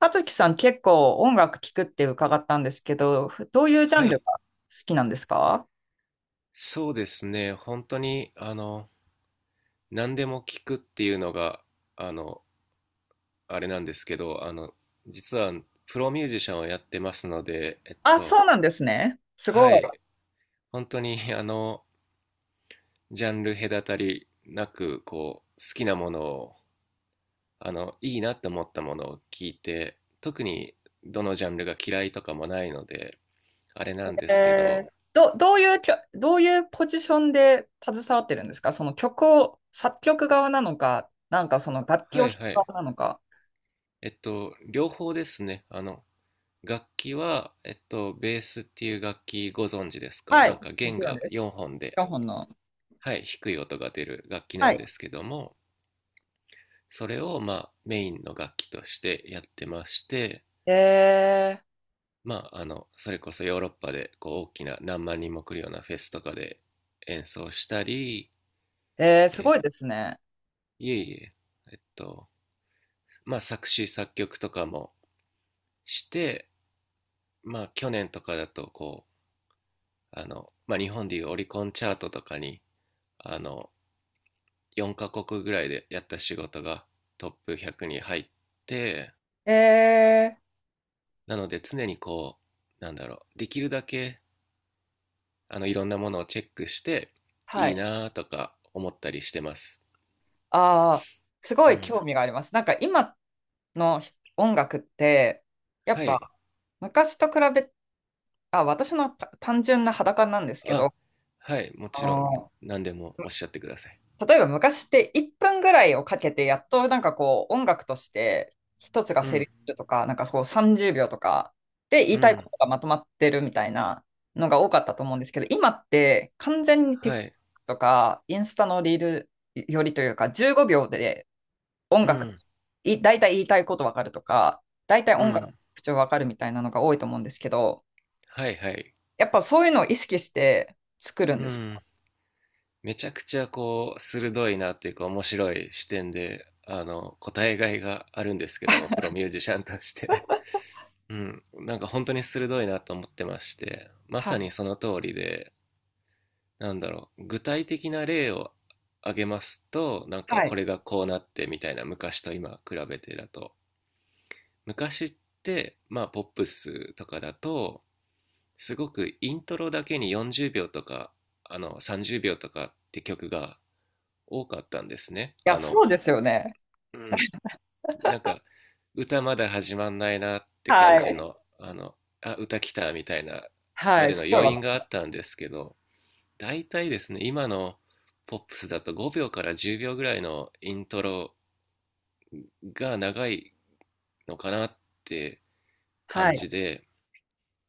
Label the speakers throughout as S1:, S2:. S1: 葉月さん結構音楽聴くって伺ったんですけど、どういうジャ
S2: は
S1: ンルが
S2: い、
S1: 好きなんですか？
S2: そうですね。本当に、何でも聞くっていうのが、あの、あれなんですけど、実はプロミュージシャンをやってますので、
S1: あ、そうなんですね。すご
S2: は
S1: い。
S2: い、本当に、ジャンル隔たりなく、好きなものを、いいなって思ったものを聞いて、特にどのジャンルが嫌いとかもないので、あれなんですけど、
S1: どういうポジションで携わってるんですかその曲を、作曲側なのか、その楽器を
S2: は
S1: 弾
S2: いは
S1: く
S2: い。
S1: 側なのか。
S2: えっと、両方ですね。あの、楽器は、ベースっていう楽器ご存知ですか？
S1: は
S2: な
S1: い。
S2: んか
S1: も
S2: 弦
S1: ちろんで
S2: が
S1: す。
S2: 4本で、
S1: 4本の。
S2: はい、低い音が出る楽器な
S1: は
S2: ん
S1: い。
S2: ですけども、それを、まあ、メインの楽器としてやってまして、
S1: え
S2: まあ、それこそヨーロッパで、大きな何万人も来るようなフェスとかで演奏したり、
S1: ー、えー、すご
S2: え、
S1: いですね。
S2: いえいえ、えっと、まあ、作詞作曲とかもして、まあ、去年とかだと、まあ、日本でいうオリコンチャートとかに、あの、4カ国ぐらいでやった仕事がトップ100に入って、
S1: えー、
S2: なので常に、こう、なんだろう、できるだけ、いろんなものをチェックして、
S1: は
S2: いい
S1: い。
S2: なとか思ったりしてます。
S1: ああ、すご
S2: う
S1: い
S2: ん、
S1: 興味があります。なんか今の音楽って、やっ
S2: は
S1: ぱ
S2: い、
S1: 昔と比べ、あ、私のた単純な裸なんですけ
S2: あ、
S1: ど、
S2: はい、も
S1: あ
S2: ちろん。
S1: の
S2: 何でもおっしゃってください。
S1: 例えば昔って1分ぐらいをかけて、やっとなんかこう音楽として一つが
S2: う
S1: 成
S2: ん、
S1: 立するとか、なんかこう30秒とかで言
S2: う
S1: いたいこ
S2: ん、
S1: とがまとまってるみたいなのが多かったと思うんですけど、今って完全に
S2: は
S1: TikTok
S2: い、
S1: とかインスタのリールよりというか、15秒で音
S2: う
S1: 楽、
S2: ん、
S1: い、大体言いたいことわかるとか、大体
S2: う
S1: 音楽の
S2: ん、
S1: 特徴わかるみたいなのが多いと思うんですけど、
S2: はいはい、
S1: やっぱそういうのを意識して作るん
S2: う
S1: です
S2: ん、
S1: か？
S2: めちゃくちゃ、鋭いなっていうか面白い視点で、答えがいがあるんですけども、プロミュージシャンとして、うん、なんか本当に鋭いなと思ってまして、ま
S1: は
S2: さ
S1: い。
S2: にその通りで、なんだろう、具体的な例を挙げますと、なんか
S1: はい。
S2: こ
S1: い
S2: れがこうなって、みたいな。昔と今比べてだと、昔って、まあポップスとかだと、すごくイントロだけに40秒とか、あの30秒とかって曲が多かったんですね。
S1: や、
S2: あ
S1: そ
S2: の、
S1: うですよね。
S2: うん、なんか歌まだ始まんないなって感
S1: は
S2: じ
S1: い。
S2: の、あ、歌来た、みたいな、
S1: は
S2: ま
S1: い。
S2: での
S1: すごい
S2: 余
S1: わか
S2: 韻があ
S1: る。
S2: ったんですけど、大体ですね、今のポップスだと5秒から10秒ぐらいのイントロが長いのかなって
S1: は
S2: 感
S1: い。
S2: じで、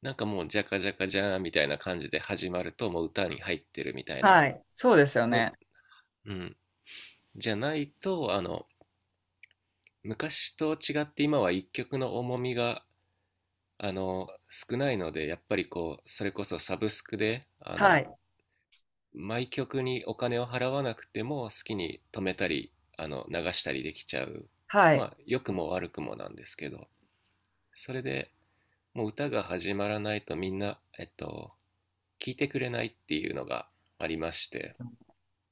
S2: なんかもうジャカジャカジャーンみたいな感じで始まると、もう歌に入ってるみたいな
S1: はい。そうですよ
S2: の、
S1: ね。
S2: うん、じゃないと、昔と違って、今は一曲の重みが、少ないので、やっぱりこう、それこそサブスクで、
S1: はい。
S2: 毎曲にお金を払わなくても好きに止めたり、流したりできちゃう。
S1: は
S2: ま
S1: い。
S2: あ、良くも悪くもなんですけど、それでもう歌が始まらないとみんな、聞いてくれないっていうのがありまして、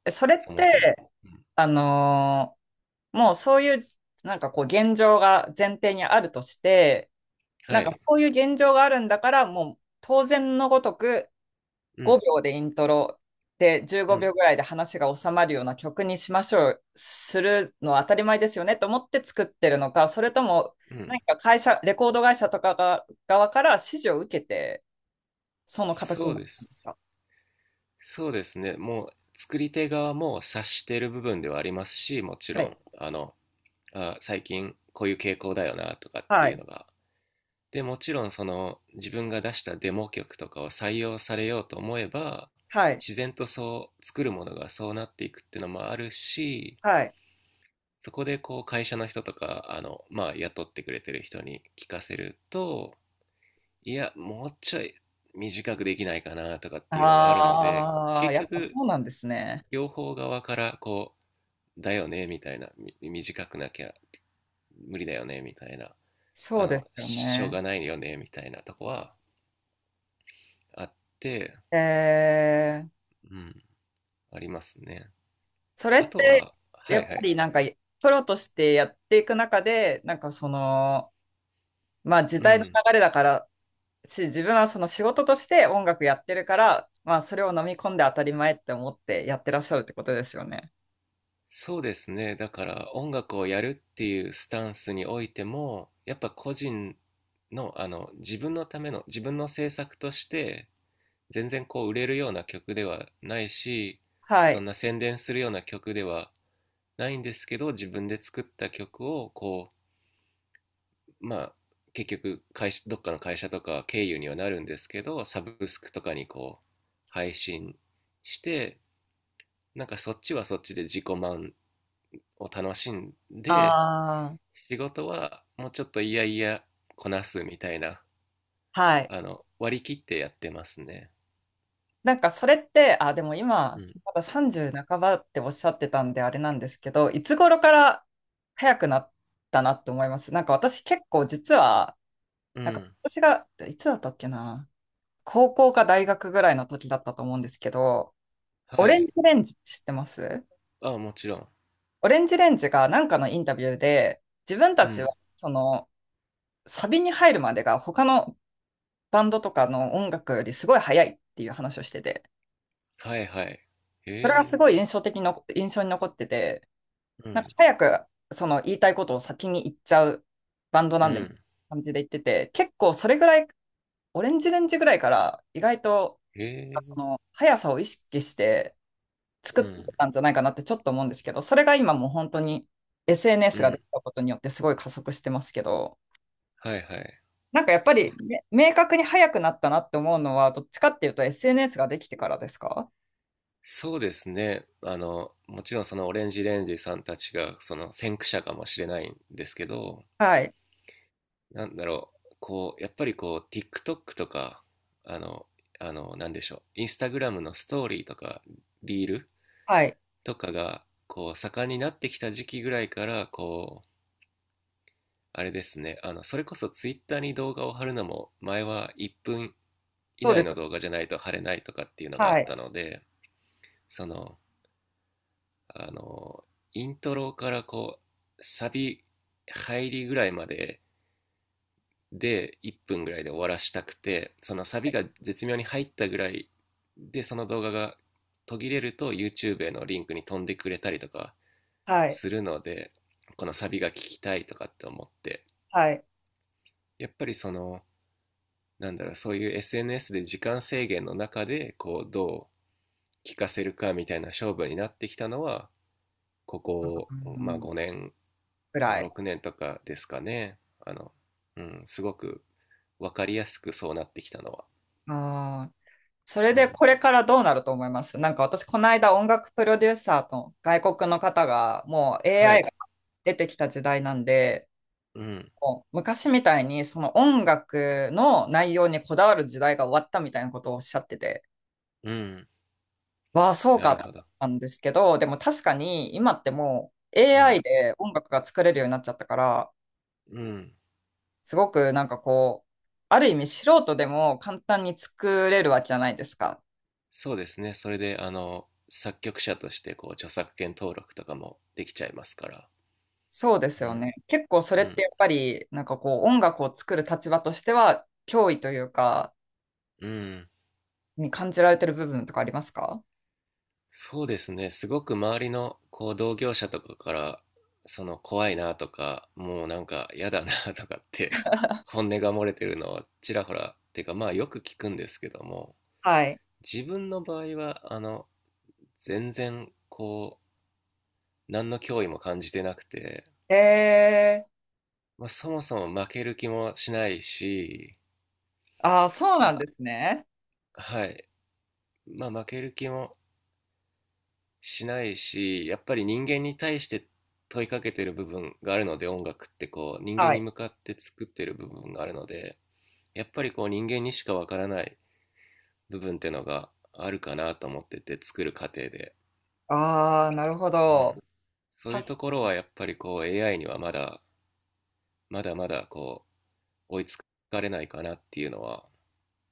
S1: えそれっ
S2: そ
S1: て、
S2: もそも。うん、
S1: あのーもうそういう、なんかこう、現状が前提にあるとして、
S2: は
S1: なんか
S2: い。
S1: こういう現状があるんだから、もう当然のごとく、
S2: うん、
S1: 5秒でイントロで
S2: う
S1: 15
S2: ん、
S1: 秒ぐらいで話が収まるような曲にしましょう、するのは当たり前ですよねと思って作ってるのか、それとも
S2: うん。
S1: 何か会社、レコード会社とかが側から指示を受けて、その形
S2: そ
S1: に
S2: う
S1: なっ
S2: で
S1: たん
S2: す。
S1: ですか？
S2: そうですね。もう、作り手側も察している部分ではありますし、もち
S1: は
S2: ろ
S1: い、
S2: ん、あ、最近こういう傾向だよな、とかって
S1: は
S2: いう
S1: い、
S2: のがで、もちろんその自分が出したデモ曲とかを採用されようと思えば、
S1: はい、
S2: 自然とそう作るものがそうなっていくっていうのもあるし、
S1: はい。
S2: そこでこう会社の人とか、まあ、雇ってくれてる人に聞かせると、いや、もうちょい短くできないかな、とかっていうのがあるので、
S1: ああ、
S2: 結
S1: やっぱ
S2: 局
S1: そうなんですね。
S2: 両方側から、こうだよね、みたいな、短くなきゃ無理だよね、みたいな、
S1: そうですよ
S2: しょうが
S1: ね。
S2: ないよね、みたいなとこはあって、
S1: えー、
S2: うん、ありますね。
S1: それ
S2: あ
S1: っ
S2: と
S1: て
S2: は、は
S1: や
S2: い
S1: っぱ
S2: はい、
S1: りプロとしてやっていく中で、まあ時
S2: う
S1: 代の
S2: ん、
S1: 流れだからし、自分はその仕事として音楽やってるから、まあ、それを飲み込んで当たり前って思ってやってらっしゃるってことですよね。
S2: そうですね。だから音楽をやるっていうスタンスにおいても、やっぱ個人の、自分のための、自分の制作として、全然こう売れるような曲ではないし、
S1: は
S2: そん
S1: い。
S2: な宣伝するような曲ではないんですけど、自分で作った曲を、まあ、結局会社、どっかの会社とか経由にはなるんですけど、サブスクとかにこう配信して、なんかそっちはそっちで自己満を楽しんで、
S1: ああ、
S2: 仕事はもうちょっといやいやこなすみたいな、
S1: はい。
S2: 割り切ってやってますね。
S1: なんかそれって、あ、でも
S2: う
S1: 今、
S2: ん、
S1: まだ30半ばっておっしゃってたんであれなんですけど、いつ頃から早くなったなって思います？なんか私結構実は、
S2: う
S1: なんか
S2: ん、
S1: 私が、いつだったっけな、高校か大学ぐらいの時だったと思うんですけど、
S2: は
S1: オレン
S2: い、
S1: ジレンジって知ってます？
S2: あ、もちろん、
S1: オレンジレンジがなんかのインタビューで、自分た
S2: う
S1: ちは
S2: ん、
S1: そのサビに入るまでが他のバンドとかの音楽よりすごい早いっていう話をしてて、
S2: はいはい、へ
S1: それがす
S2: え、
S1: ごい印象的の、印象に残ってて、
S2: う
S1: なんか
S2: ん、
S1: 早くその言いたいことを先に言っちゃうバンド
S2: う
S1: なんでみたい
S2: ん、
S1: な感じで言ってて、結構それぐらい、オレンジレンジぐらいから意外と
S2: へ
S1: そ
S2: え、
S1: の速さを意識して作っ
S2: う
S1: て
S2: ん、
S1: たんじゃないかなってちょっと思うんですけど、それが今もう本当に
S2: う
S1: SNS がで
S2: ん、
S1: きたことによってすごい加速してますけど、
S2: はいはい、
S1: なんかやっぱ
S2: そ、
S1: り、明確に早くなったなって思うのは、どっちかっていうと SNS ができてからですか？
S2: そうですね。あの、もちろんそのオレンジレンジさんたちがその先駆者かもしれないんですけど、
S1: はい。
S2: なんだろう、やっぱりこう、TikTok とか、あの、なんでしょう、インスタグラムのストーリーとか、リール
S1: はい。
S2: とかが、盛んになってきた時期ぐらいから、あれですね、それこそ Twitter に動画を貼るのも、前は1分以
S1: そうで
S2: 内
S1: す。
S2: の動画じゃないと貼れないとかっていうのがあ
S1: は
S2: った
S1: い。
S2: ので、その、あの、イントロから、サビ入りぐらいまでで1分ぐらいで終わらしたくて、そのサビが絶妙に入ったぐらいで、その動画が途切れると YouTube へのリンクに飛んでくれたりとか
S1: はい。
S2: するので、このサビが聞きたいとかって思って、
S1: はい。
S2: やっぱりその、なんだろう、そういう SNS で時間制限の中で、こう、どう聞かせるかみたいな勝負になってきたのは、ここ、
S1: う
S2: まあ
S1: ん。
S2: 5年
S1: ぐらい。
S2: 6年とかですかね、あの、うん、すごく分かりやすくそうなってきたのは、
S1: ああ。それ
S2: う
S1: で
S2: ん、
S1: これからどうなると思います？なんか私、この間音楽プロデューサーと外国の方が、もう
S2: は
S1: AI が
S2: い、
S1: 出てきた時代なんで、
S2: うん、
S1: もう昔みたいにその音楽の内容にこだわる時代が終わったみたいなことをおっしゃってて。
S2: うん、
S1: わあ、そう
S2: な
S1: か
S2: る
S1: と思
S2: ほど、
S1: ったんですけど、でも確かに今ってもう
S2: う
S1: AI
S2: ん、
S1: で音楽が作れるようになっちゃったから、
S2: うん、
S1: すごくなんかこう、ある意味素人でも簡単に作れるわけじゃないですか。
S2: そうですね、それで、作曲者としてこう著作権登録とかもできちゃいますから、
S1: そうです
S2: う
S1: よ
S2: ん、
S1: ね。結構それ
S2: う
S1: って
S2: ん、
S1: やっぱり音楽を作る立場としては脅威というか、
S2: うん、
S1: に感じられてる部分とかありますか？
S2: そうですね、すごく周りのこう同業者とかから、その怖いな、とか、もうなんか嫌だな、とかって本音が漏れてるのをちらほらっていうか、まあよく聞くんですけども、
S1: はい。
S2: 自分の場合は、全然、何の脅威も感じてなくて、
S1: え
S2: まあ、そもそも負ける気もしないし、
S1: ー、ああ、そうな
S2: あ、
S1: んですね。
S2: はい。まあ、負ける気もしないし、やっぱり人間に対して問いかけてる部分があるので、音楽ってこう、人
S1: は
S2: 間に
S1: い。
S2: 向かって作ってる部分があるので、やっぱりこう、人間にしかわからない部分ってのがあるかなと思ってて、作る過程で。
S1: ああ、なるほ
S2: う
S1: ど。
S2: ん。そういう
S1: 確か
S2: ところはやっぱりこう、AI にはまだ、まだまだ追いつかれないかなっていうのは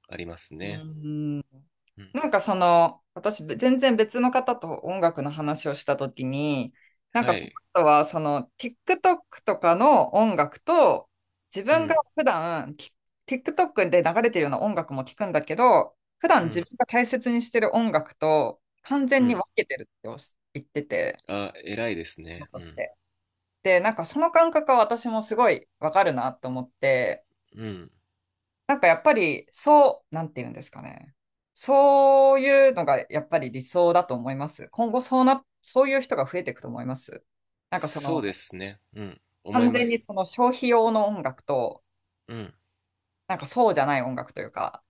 S2: ありますね。
S1: に。うん。
S2: うん。
S1: 私、全然別の方と音楽の話をしたときに、なん
S2: は
S1: かその
S2: い。
S1: 人は、その、TikTok とかの音楽と、自
S2: う
S1: 分が
S2: ん。
S1: 普段、き TikTok で流れてるような音楽も聞くんだけど、普段
S2: う
S1: 自
S2: ん。
S1: 分が大切にしてる音楽と、完
S2: う
S1: 全に分
S2: ん。
S1: けてるっておっ言ってて、
S2: あ、偉いですね。う
S1: 残し
S2: ん。
S1: てで、なんかその感覚は私もすごいわかるなと思って、
S2: うん。
S1: なんかやっぱり、そう、なんて言うんですかね。そういうのがやっぱり理想だと思います。今後そうな、そういう人が増えていくと思います。なんかそ
S2: そうで
S1: の、
S2: すね。うん。思い
S1: 完
S2: ま
S1: 全に
S2: す。
S1: その消費用の音楽と、
S2: うん。
S1: なんかそうじゃない音楽というか。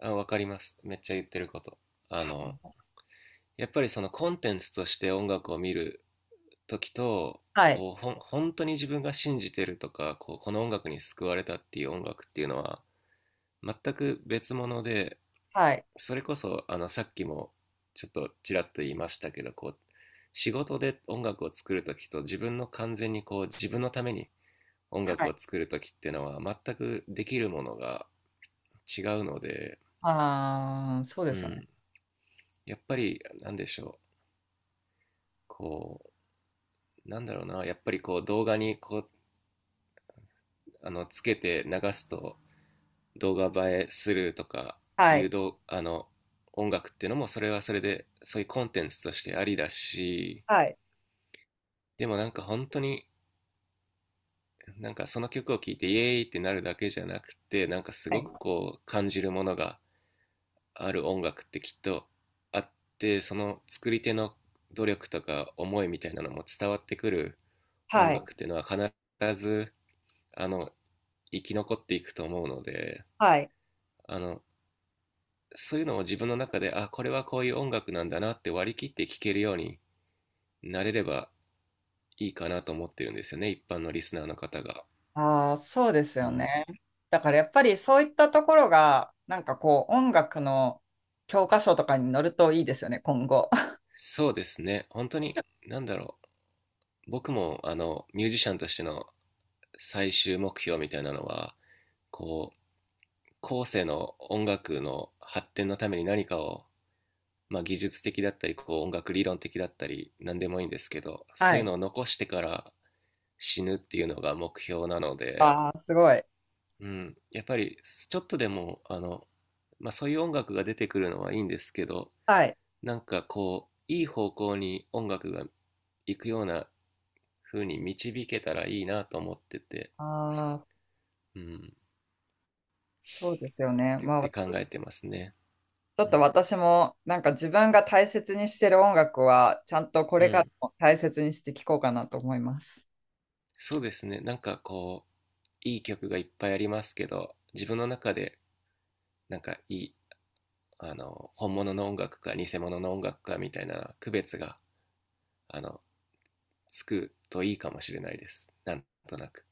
S2: あ、わかります、めっちゃ言ってること。あの、やっぱりそのコンテンツとして音楽を見るときと、
S1: はい。
S2: 本当に自分が信じてるとか、こう、この音楽に救われたっていう音楽っていうのは、全く別物で、
S1: はい。
S2: それこそあのさっきもちょっとちらっと言いましたけど、こう仕事で音楽を作るときと自分の完全にこう自分のために音
S1: は
S2: 楽を
S1: い。
S2: 作るときっていうのは全くできるものが違うので、
S1: ああ、そうで
S2: う
S1: すよね。
S2: ん、やっぱりなんでしょう、こう、なんだろうな、やっぱりこう動画にこう、つけて流すと動画映えするとか、
S1: は
S2: いう
S1: い。
S2: どあの音楽っていうのもそれはそれでそういうコンテンツとしてありだし、
S1: はい。
S2: でもなんか本当に、なんかその曲を聴いてイエーイってなるだけじゃなくて、なんかす
S1: は
S2: ご
S1: い。
S2: くこう感じるものがある音楽ってきっとあって、その作り手の努力とか思いみたいなのも伝わってくる音
S1: はい。
S2: 楽っていうのは必ず、あの生き残っていくと思うので、
S1: はい。
S2: あのそういうのを自分の中で、あ、これはこういう音楽なんだな、って割り切って聴けるようになれればいいかなと思ってるんですよね、一般のリスナーの方が。
S1: ああ、そうです
S2: う
S1: よ
S2: ん、
S1: ね。だからやっぱりそういったところが、なんかこう、音楽の教科書とかに載るといいですよね、今後。
S2: そうですね、本当に、何だろう、僕もあのミュージシャンとしての最終目標みたいなのは、こう、後世の音楽の発展のために何かを、まあ、技術的だったりこう音楽理論的だったり何でもいいんですけど、
S1: は
S2: そういう
S1: い。
S2: のを残してから死ぬっていうのが目標なので、
S1: ああ、すごい。
S2: うん、やっぱりちょっとでも、まあ、そういう音楽が出てくるのはいいんですけど、
S1: はい。
S2: なんかこういい方向に音楽が行くような風に導けたらいいなと思ってて。
S1: ああ、
S2: うん、っ
S1: そうですよね。
S2: てっ
S1: まあ、
S2: て考えてますね。
S1: ちょっ
S2: う
S1: と
S2: ん、
S1: 私も、なんか自分が大切にしてる音楽は、ちゃんとこ
S2: う
S1: れから
S2: ん、
S1: も大切にして聴こうかなと思います。
S2: そうですね。なんかこう、いい曲がいっぱいありますけど、自分の中でなんかいい、本物の音楽か偽物の音楽かみたいな区別が、あのつくといいかもしれないです。なんとなく。